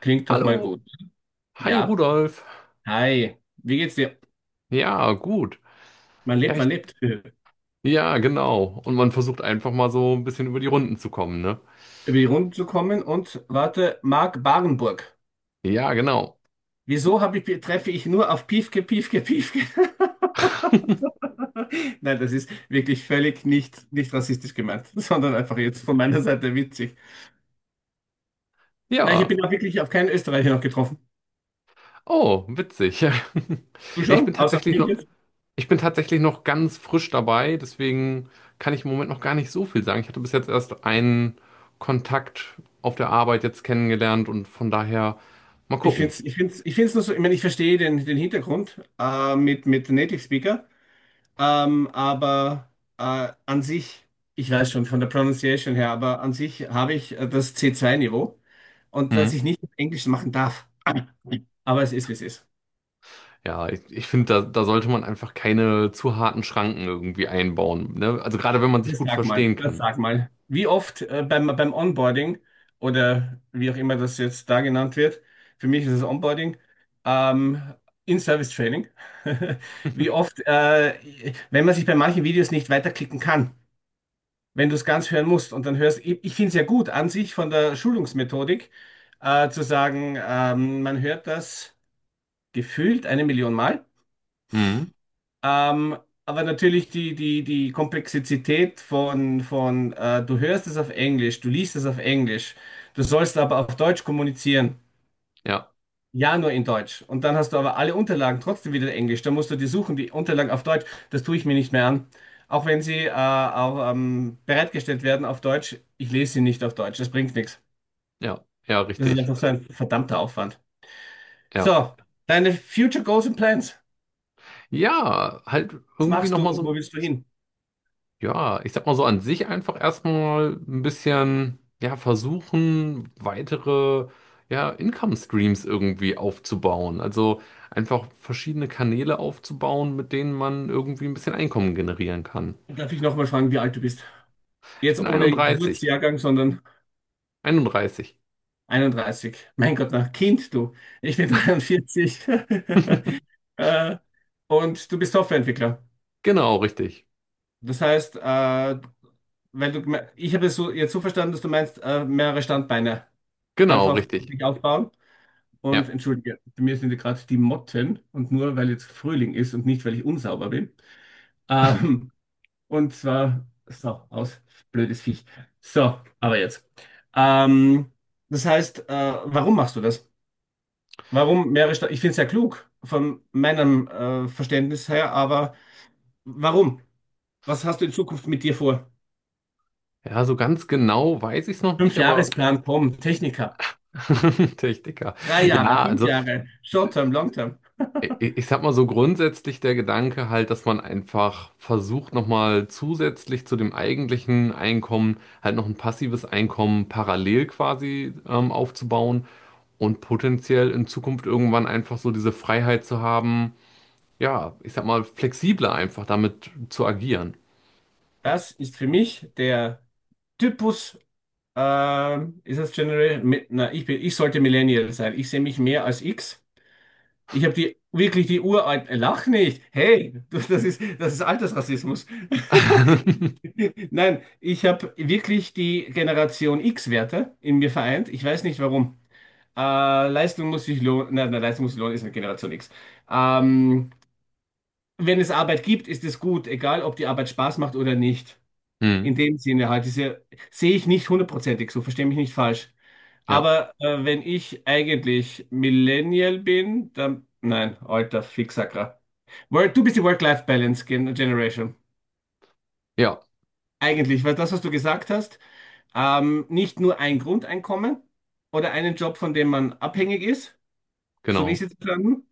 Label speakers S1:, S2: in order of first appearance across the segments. S1: Klingt doch mal
S2: Hallo,
S1: gut.
S2: hi
S1: Ja.
S2: Rudolf.
S1: Hi. Wie geht's dir?
S2: Ja, gut.
S1: Man
S2: Ja,
S1: lebt,
S2: ich,
S1: man lebt.
S2: ja, genau. Und man versucht einfach mal so ein bisschen über die Runden zu kommen, ne?
S1: Über die Runden zu kommen und warte, Marc Barenburg.
S2: Ja, genau.
S1: Wieso habe ich, treffe ich nur auf Piefke, Piefke, Piefke? Nein, das ist wirklich völlig nicht rassistisch gemeint, sondern einfach jetzt von meiner Seite witzig. Nein, ich
S2: Ja.
S1: bin auch wirklich auf keinen Österreicher noch getroffen.
S2: Oh, witzig. Ja,
S1: Du
S2: Ich bin
S1: schon? Außer auf
S2: tatsächlich
S1: mich
S2: noch,
S1: jetzt?
S2: ich bin tatsächlich noch ganz frisch dabei, deswegen kann ich im Moment noch gar nicht so viel sagen. Ich hatte bis jetzt erst einen Kontakt auf der Arbeit jetzt kennengelernt und von daher mal
S1: Ich finde
S2: gucken.
S1: es ich find's nur so, ich meine, ich verstehe den Hintergrund mit Native Speaker. Aber an sich, ich weiß schon von der Pronunciation her, aber an sich habe ich das C2-Niveau und dass ich nicht auf Englisch machen darf. Aber es ist, wie es ist.
S2: Ich finde, da sollte man einfach keine zu harten Schranken irgendwie einbauen, ne? Also gerade wenn man sich
S1: Das
S2: gut
S1: sag mal,
S2: verstehen
S1: das
S2: kann.
S1: sag mal. Wie oft beim Onboarding oder wie auch immer das jetzt da genannt wird, für mich ist es Onboarding, ähm, In-Service-Training. Wie oft, wenn man sich bei manchen Videos nicht weiterklicken kann, wenn du es ganz hören musst und dann hörst, ich finde es ja gut an sich von der Schulungsmethodik, zu sagen, man hört das gefühlt 1 Million Mal.
S2: Mhm.
S1: Ähm, aber natürlich die Komplexität von du hörst es auf Englisch, du liest es auf Englisch, du sollst aber auf Deutsch kommunizieren.
S2: Ja,
S1: Ja, nur in Deutsch. Und dann hast du aber alle Unterlagen trotzdem wieder in Englisch. Dann musst du die suchen, die Unterlagen auf Deutsch. Das tue ich mir nicht mehr an. Auch wenn sie auch, bereitgestellt werden auf Deutsch, ich lese sie nicht auf Deutsch. Das bringt nichts.
S2: ja,
S1: Das ist
S2: richtig.
S1: einfach so ein verdammter Aufwand.
S2: Ja.
S1: So, deine Future Goals and Plans.
S2: Ja, halt
S1: Was
S2: irgendwie
S1: machst du
S2: nochmal
S1: und
S2: so,
S1: wo willst du hin?
S2: ja, ich sag mal so an sich einfach erstmal ein bisschen, ja, versuchen, weitere, ja, Income Streams irgendwie aufzubauen. Also einfach verschiedene Kanäle aufzubauen, mit denen man irgendwie ein bisschen Einkommen generieren kann.
S1: Darf ich nochmal fragen, wie alt du bist?
S2: Ich bin
S1: Jetzt ohne
S2: 31.
S1: Geburtsjahrgang, sondern
S2: 31.
S1: 31. Mein Gott, na, Kind, du. Ich bin 43. äh, und du bist Softwareentwickler.
S2: Genau, richtig.
S1: Das heißt, ich habe es so, jetzt so verstanden, dass du meinst, mehrere Standbeine
S2: Genau,
S1: einfach
S2: richtig.
S1: sich aufbauen. Und
S2: Ja.
S1: entschuldige, bei mir sind ja gerade die Motten und nur weil jetzt Frühling ist und nicht, weil ich unsauber bin. Ähm, und zwar, so, aus, blödes Viech. So, aber jetzt. Ähm, das heißt, warum machst du das? Warum mehrere Standbeine? Ich finde es ja klug von meinem Verständnis her, aber warum? Was hast du in Zukunft mit dir vor?
S2: Ja, so ganz genau weiß ich es noch nicht, aber
S1: Fünfjahresplan kommt, Techniker.
S2: Techniker.
S1: Drei Jahre,
S2: Ja,
S1: fünf
S2: also
S1: Jahre, Short-Term, Long-Term.
S2: ich sag mal so grundsätzlich der Gedanke halt, dass man einfach versucht, nochmal zusätzlich zu dem eigentlichen Einkommen halt noch ein passives Einkommen parallel quasi aufzubauen und potenziell in Zukunft irgendwann einfach so diese Freiheit zu haben, ja, ich sag mal flexibler einfach damit zu agieren.
S1: Das ist für mich der Typus, ist das General, na, ich bin, ich sollte Millennial sein. Ich sehe mich mehr als X. Ich habe die, wirklich die uralten, lach nicht. Hey, das ist Altersrassismus. Nein, ich habe wirklich die Generation X-Werte in mir vereint. Ich weiß nicht warum. Leistung muss sich lohnen. Nein, nein, Leistung muss sich lohnen, ist eine Generation X. Ähm, wenn es Arbeit gibt, ist es gut, egal ob die Arbeit Spaß macht oder nicht.
S2: Hm,
S1: In dem Sinne halt, diese sehe ich nicht hundertprozentig, so verstehe mich nicht falsch.
S2: ja,
S1: Aber wenn ich eigentlich Millennial bin, dann nein, alter Fixacker. Work, du bist die Work-Life-Balance Generation.
S2: ja,
S1: Eigentlich, weil das, was du gesagt hast, nicht nur ein Grundeinkommen oder einen Job, von dem man abhängig ist, so wie ich
S2: genau.
S1: es jetzt plane,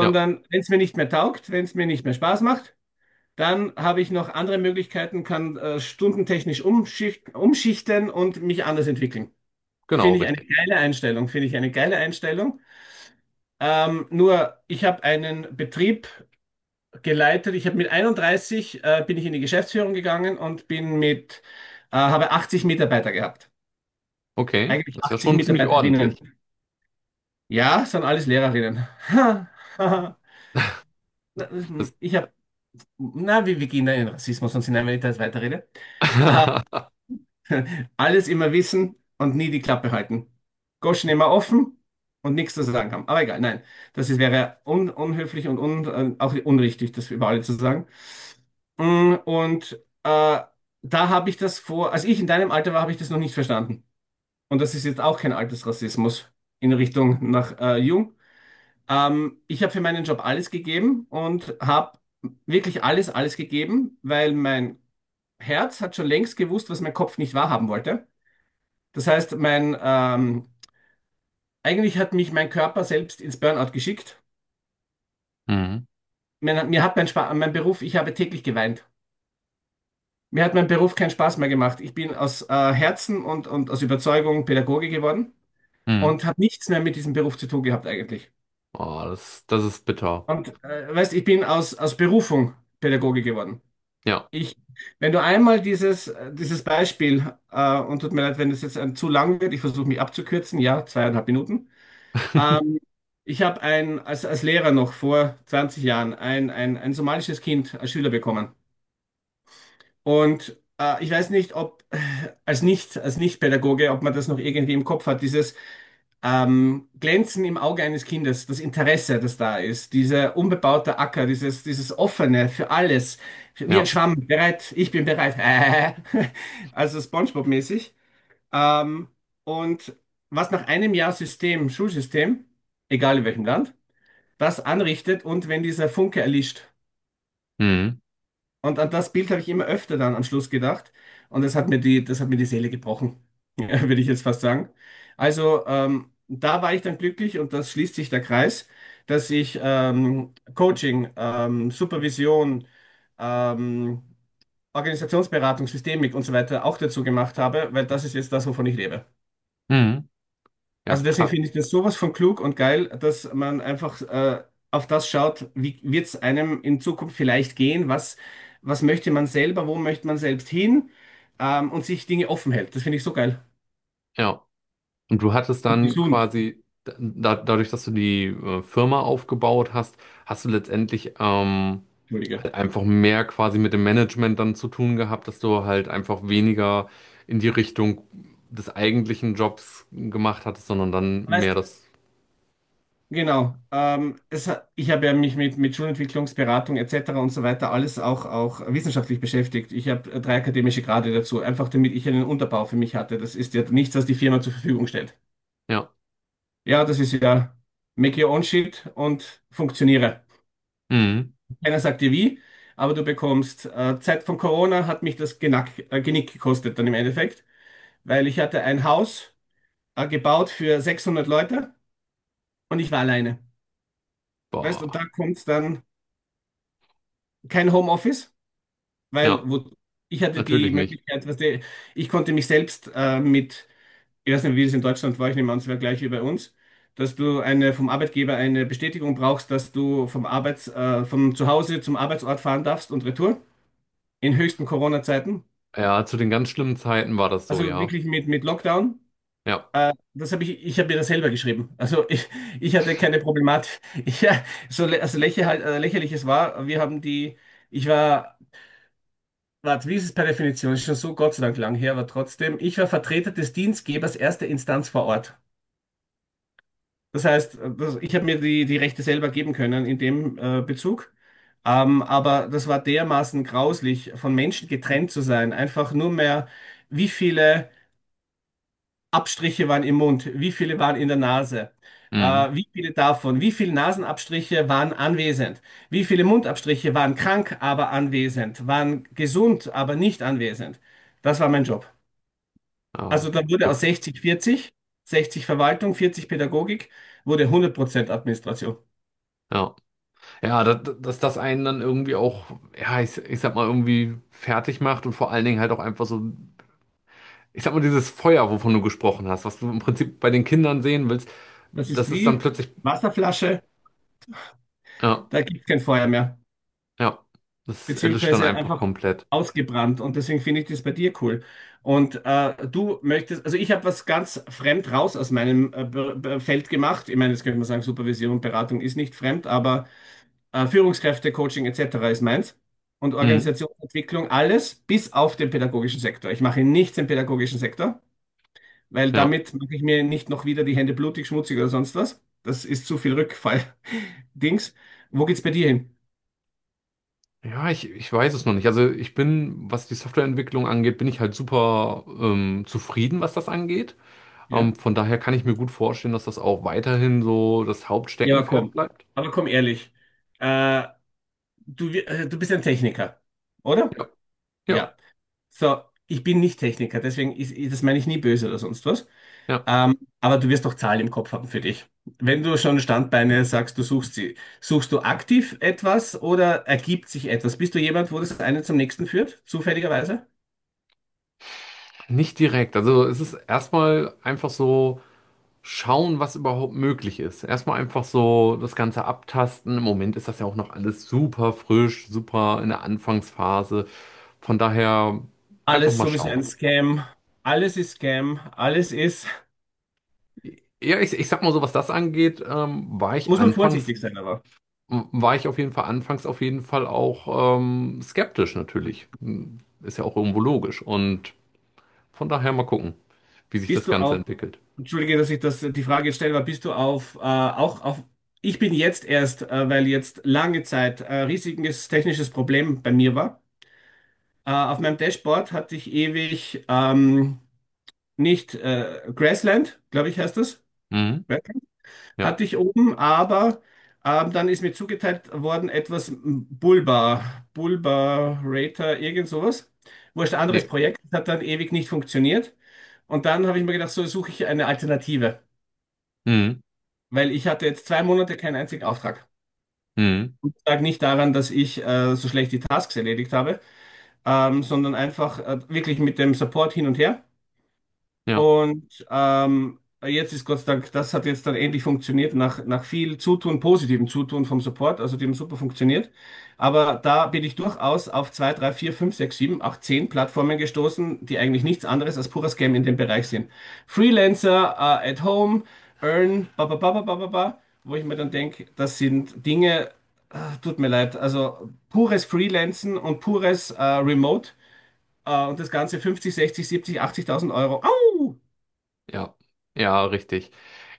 S2: Ja,
S1: wenn es mir nicht mehr taugt, wenn es mir nicht mehr Spaß macht. Dann habe ich noch andere Möglichkeiten, kann stundentechnisch umschichten und mich anders entwickeln.
S2: genau,
S1: Finde ich eine
S2: richtig.
S1: geile Einstellung, finde ich eine geile Einstellung. Nur, ich habe einen Betrieb geleitet. Ich habe mit 31 bin ich in die Geschäftsführung gegangen und habe 80 Mitarbeiter gehabt.
S2: Okay,
S1: Eigentlich
S2: das ist ja
S1: 80
S2: schon ziemlich
S1: Mitarbeiterinnen.
S2: ordentlich.
S1: Ja, sind alles Lehrerinnen. Ha, ha, ha. Na,
S2: Das
S1: ich habe, na, wir gehen da in Rassismus und sind eine Details weiterrede. Alles immer wissen und nie die Klappe halten. Goschen immer offen und nichts zu sagen haben. Aber egal, nein. Das ist, wäre un unhöflich und un auch unrichtig, das über alle zu sagen. Und äh, da habe ich das vor, als ich in deinem Alter war, habe ich das noch nicht verstanden. Und das ist jetzt auch kein Altersrassismus in Richtung nach Jung. Ich habe für meinen Job alles gegeben und habe wirklich alles gegeben, weil mein Herz hat schon längst gewusst, was mein Kopf nicht wahrhaben wollte. Das heißt, mein, eigentlich hat mich mein Körper selbst ins Burnout geschickt.
S2: Mhm.
S1: Mir hat mein, Spa mein Beruf, ich habe täglich geweint. Mir hat mein Beruf keinen Spaß mehr gemacht. Ich bin aus Herzen und aus Überzeugung Pädagoge geworden
S2: Mhm.
S1: und habe nichts mehr mit diesem Beruf zu tun gehabt eigentlich.
S2: Oh, das ist bitter.
S1: Und weißt, ich bin aus, aus Berufung Pädagoge geworden.
S2: Ja.
S1: Ich, wenn du einmal dieses, dieses Beispiel, und tut mir leid, wenn es jetzt ein, zu lang wird, ich versuche mich abzukürzen, ja, 2,5 Minuten. Ähm, ich habe ein, als, als Lehrer noch vor 20 Jahren ein somalisches Kind als Schüler bekommen. Und ich weiß nicht, ob als nicht, als Nicht-Pädagoge, ob man das noch irgendwie im Kopf hat, dieses Glänzen im Auge eines Kindes, das Interesse, das da ist, dieser unbebaute Acker, dieses Offene für alles, wie ein
S2: Ja.
S1: Schwamm, bereit, ich bin bereit, also SpongeBob-mäßig. Ähm, und was nach einem Jahr System, Schulsystem, egal in welchem Land, was anrichtet und wenn dieser Funke erlischt.
S2: Mhm.
S1: Und an das Bild habe ich immer öfter dann am Schluss gedacht. Und das hat mir die Seele gebrochen, würde ich jetzt fast sagen. Also da war ich dann glücklich und das schließt sich der Kreis, dass ich Coaching, Supervision, ähm, Organisationsberatung, Systemik und so weiter auch dazu gemacht habe, weil das ist jetzt das, wovon ich lebe.
S2: Mhm. Ja,
S1: Also deswegen
S2: krass.
S1: finde ich das sowas von klug und geil, dass man einfach auf das schaut, wie wird es einem in Zukunft vielleicht gehen, was, was möchte man selber, wo möchte man selbst hin und sich Dinge offen hält. Das finde ich so geil
S2: Ja. Und du hattest
S1: und
S2: dann
S1: gesund.
S2: quasi, da, dadurch, dass du die Firma aufgebaut hast, hast du letztendlich
S1: Entschuldige.
S2: halt einfach mehr quasi mit dem Management dann zu tun gehabt, dass du halt einfach weniger in die Richtung des eigentlichen Jobs gemacht hattest, sondern dann mehr
S1: Weißt,
S2: das.
S1: genau. Ich habe ja mich mit Schulentwicklungsberatung etc. und so weiter alles auch, auch wissenschaftlich beschäftigt. Ich habe drei akademische Grade dazu, einfach damit ich einen Unterbau für mich hatte. Das ist ja nichts, was die Firma zur Verfügung stellt.
S2: Ja.
S1: Ja, das ist ja make your own shit und funktioniere.
S2: Mhm.
S1: Keiner sagt dir wie, aber du bekommst, Zeit von Corona hat mich das Genick gekostet dann im Endeffekt, weil ich hatte ein Haus, gebaut für 600 Leute und ich war alleine. Weißt, und
S2: Boah.
S1: da kommt dann kein Homeoffice, weil
S2: Ja,
S1: wo, ich hatte die
S2: natürlich nicht.
S1: Möglichkeit, weißt du, ich konnte mich selbst, mit ich weiß nicht, wie es in Deutschland war, ich nehme an, es wäre gleich wie bei uns, dass du eine vom Arbeitgeber eine Bestätigung brauchst, dass du vom vom Zuhause zum Arbeitsort fahren darfst und retour in höchsten Corona-Zeiten.
S2: Ja, zu den ganz schlimmen Zeiten war das so,
S1: Also
S2: ja.
S1: wirklich mit Lockdown.
S2: Ja.
S1: Das habe ich, ich habe mir das selber geschrieben. Also ich hatte keine Problematik. Ich, ja, lächerlich es war, wir haben die, ich war, warte, wie ist es per Definition? Ist schon so Gott sei Dank lang her, aber trotzdem, ich war Vertreter des Dienstgebers erster Instanz vor Ort. Das heißt, das, ich habe mir die Rechte selber geben können in dem Bezug. Aber das war dermaßen grauslich, von Menschen getrennt zu sein. Einfach nur mehr, wie viele Abstriche waren im Mund, wie viele waren in der Nase,
S2: Mhm.
S1: wie viele davon, wie viele Nasenabstriche waren anwesend, wie viele Mundabstriche waren krank, aber anwesend, waren gesund, aber nicht anwesend. Das war mein Job.
S2: Ja,
S1: Also da wurde aus
S2: verrückt.
S1: 60-40, 60 Verwaltung, 40 Pädagogik, wurde 100% Administration.
S2: Ja. Ja, dass das einen dann irgendwie auch, ich sag mal, irgendwie fertig macht und vor allen Dingen halt auch einfach so, ich sag mal, dieses Feuer, wovon du gesprochen hast, was du im Prinzip bei den Kindern sehen willst,
S1: Das ist
S2: das ist dann
S1: wie
S2: plötzlich,
S1: Wasserflasche,
S2: ja,
S1: da gibt es kein Feuer mehr,
S2: ja, das erlischt dann
S1: beziehungsweise
S2: einfach
S1: einfach
S2: komplett.
S1: ausgebrannt. Und deswegen finde ich das bei dir cool. Und du möchtest, also ich habe was ganz fremd raus aus meinem Feld gemacht. Ich meine, jetzt könnte man sagen, Supervision und Beratung ist nicht fremd, aber Führungskräfte, Coaching etc. ist meins. Und
S2: Mhm.
S1: Organisationsentwicklung, alles bis auf den pädagogischen Sektor. Ich mache nichts im pädagogischen Sektor, weil
S2: Ja.
S1: damit mache ich mir nicht noch wieder die Hände blutig, schmutzig oder sonst was. Das ist zu viel Rückfall-Dings. Wo geht's bei dir hin?
S2: Ich weiß es noch nicht. Also ich bin, was die Softwareentwicklung angeht, bin ich halt super zufrieden, was das angeht.
S1: Ja?
S2: Von daher kann ich mir gut vorstellen, dass das auch weiterhin so das
S1: Ja, aber
S2: Hauptsteckenpferd
S1: komm.
S2: bleibt.
S1: Aber komm ehrlich. Äh, du bist ein Techniker, oder?
S2: Ja, ja,
S1: Ja. So, ich bin nicht Techniker, deswegen das meine ich nie böse oder sonst was.
S2: ja.
S1: Aber du wirst doch Zahlen im Kopf haben für dich. Wenn du schon Standbeine sagst, du suchst sie, suchst du aktiv etwas oder ergibt sich etwas? Bist du jemand, wo das eine zum nächsten führt, zufälligerweise?
S2: Nicht direkt. Also es ist erstmal einfach so schauen, was überhaupt möglich ist. Erstmal einfach so das Ganze abtasten. Im Moment ist das ja auch noch alles super frisch, super in der Anfangsphase. Von daher einfach
S1: Alles
S2: mal
S1: sowieso
S2: schauen.
S1: ein Scam. Alles ist Scam. Alles ist.
S2: Ja, ich sag mal so, was das angeht,
S1: Muss man vorsichtig sein, aber.
S2: war ich auf jeden Fall anfangs auf jeden Fall auch skeptisch natürlich. Ist ja auch irgendwo logisch. Und von daher mal gucken, wie sich
S1: Bist
S2: das
S1: du
S2: Ganze
S1: auf.
S2: entwickelt.
S1: Entschuldige, dass ich das, die Frage jetzt stelle, aber bist du auf. Auch auf. Ich bin jetzt erst, weil jetzt lange Zeit riesiges technisches Problem bei mir war. Auf meinem Dashboard hatte ich ewig nicht Grassland, glaube ich, heißt das,
S2: Mhm. Ja.
S1: hatte ich oben, aber dann ist mir zugeteilt worden etwas Bulba, Bulbarator, irgend sowas. Wurscht, anderes
S2: Nee.
S1: Projekt, das hat dann ewig nicht funktioniert. Und dann habe ich mir gedacht, so suche ich eine Alternative,
S2: Mhm.
S1: weil ich hatte jetzt 2 Monate keinen einzigen Auftrag.
S2: Mhm.
S1: Lag nicht daran, dass ich so schlecht die Tasks erledigt habe, sondern einfach wirklich mit dem Support hin und her.
S2: Ja.
S1: Und jetzt ist Gott sei Dank, das hat jetzt dann endlich funktioniert, nach, nach viel Zutun, positivem Zutun vom Support, also die haben super funktioniert. Aber da bin ich durchaus auf 2, 3, 4, 5, 6, 7, 8, 10 Plattformen gestoßen, die eigentlich nichts anderes als purer Scam in dem Bereich sind. Freelancer, at home, earn, ba, ba, ba, ba, ba, ba, ba, wo ich mir dann denke, das sind Dinge, ah, tut mir leid, also pures Freelancen und pures Remote und das Ganze 50, 60, 70, 80.000 Euro. Au!
S2: Ja. Ja, richtig.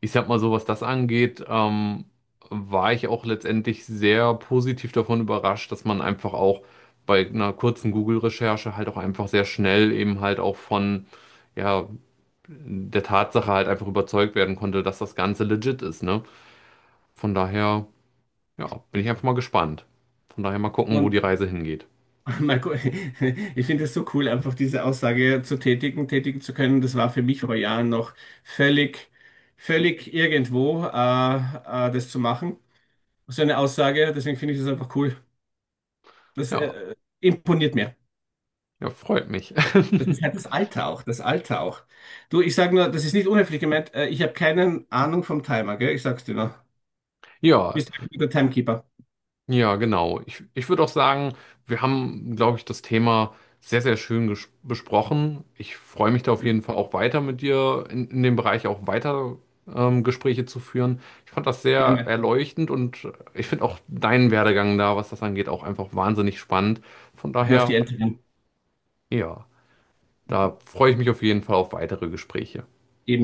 S2: Ich sag mal so, was das angeht, war ich auch letztendlich sehr positiv davon überrascht, dass man einfach auch bei einer kurzen Google-Recherche halt auch einfach sehr schnell eben halt auch von ja, der Tatsache halt einfach überzeugt werden konnte, dass das Ganze legit ist, ne? Von daher, ja, bin ich einfach mal gespannt. Von daher mal gucken, wo die
S1: Und
S2: Reise hingeht.
S1: Marco, ich finde es so cool, einfach diese Aussage zu tätigen, tätigen zu können. Das war für mich vor Jahren noch völlig, völlig irgendwo, das zu machen. So eine Aussage, deswegen finde ich das einfach cool. Das
S2: Ja,
S1: imponiert mir.
S2: ja, freut mich.
S1: Das ist halt das Alter auch, das Alter auch. Du, ich sage nur, das ist nicht unhöflich gemeint. Ich habe keine Ahnung vom Timer, gell? Ich sag's dir nur.
S2: Ja,
S1: Bist du ein guter Timekeeper?
S2: ja, genau. Ich würde auch sagen, wir haben, glaube ich, das Thema sehr schön besprochen. Ich freue mich da auf jeden Fall auch weiter mit dir in dem Bereich auch weiter Gespräche zu führen. Ich fand das sehr
S1: Gerne.
S2: erleuchtend und ich finde auch deinen Werdegang da, was das angeht, auch einfach wahnsinnig spannend. Von
S1: Hör auf die
S2: daher.
S1: Älteren.
S2: Ja, da freue ich mich auf jeden Fall auf weitere Gespräche.
S1: Eben.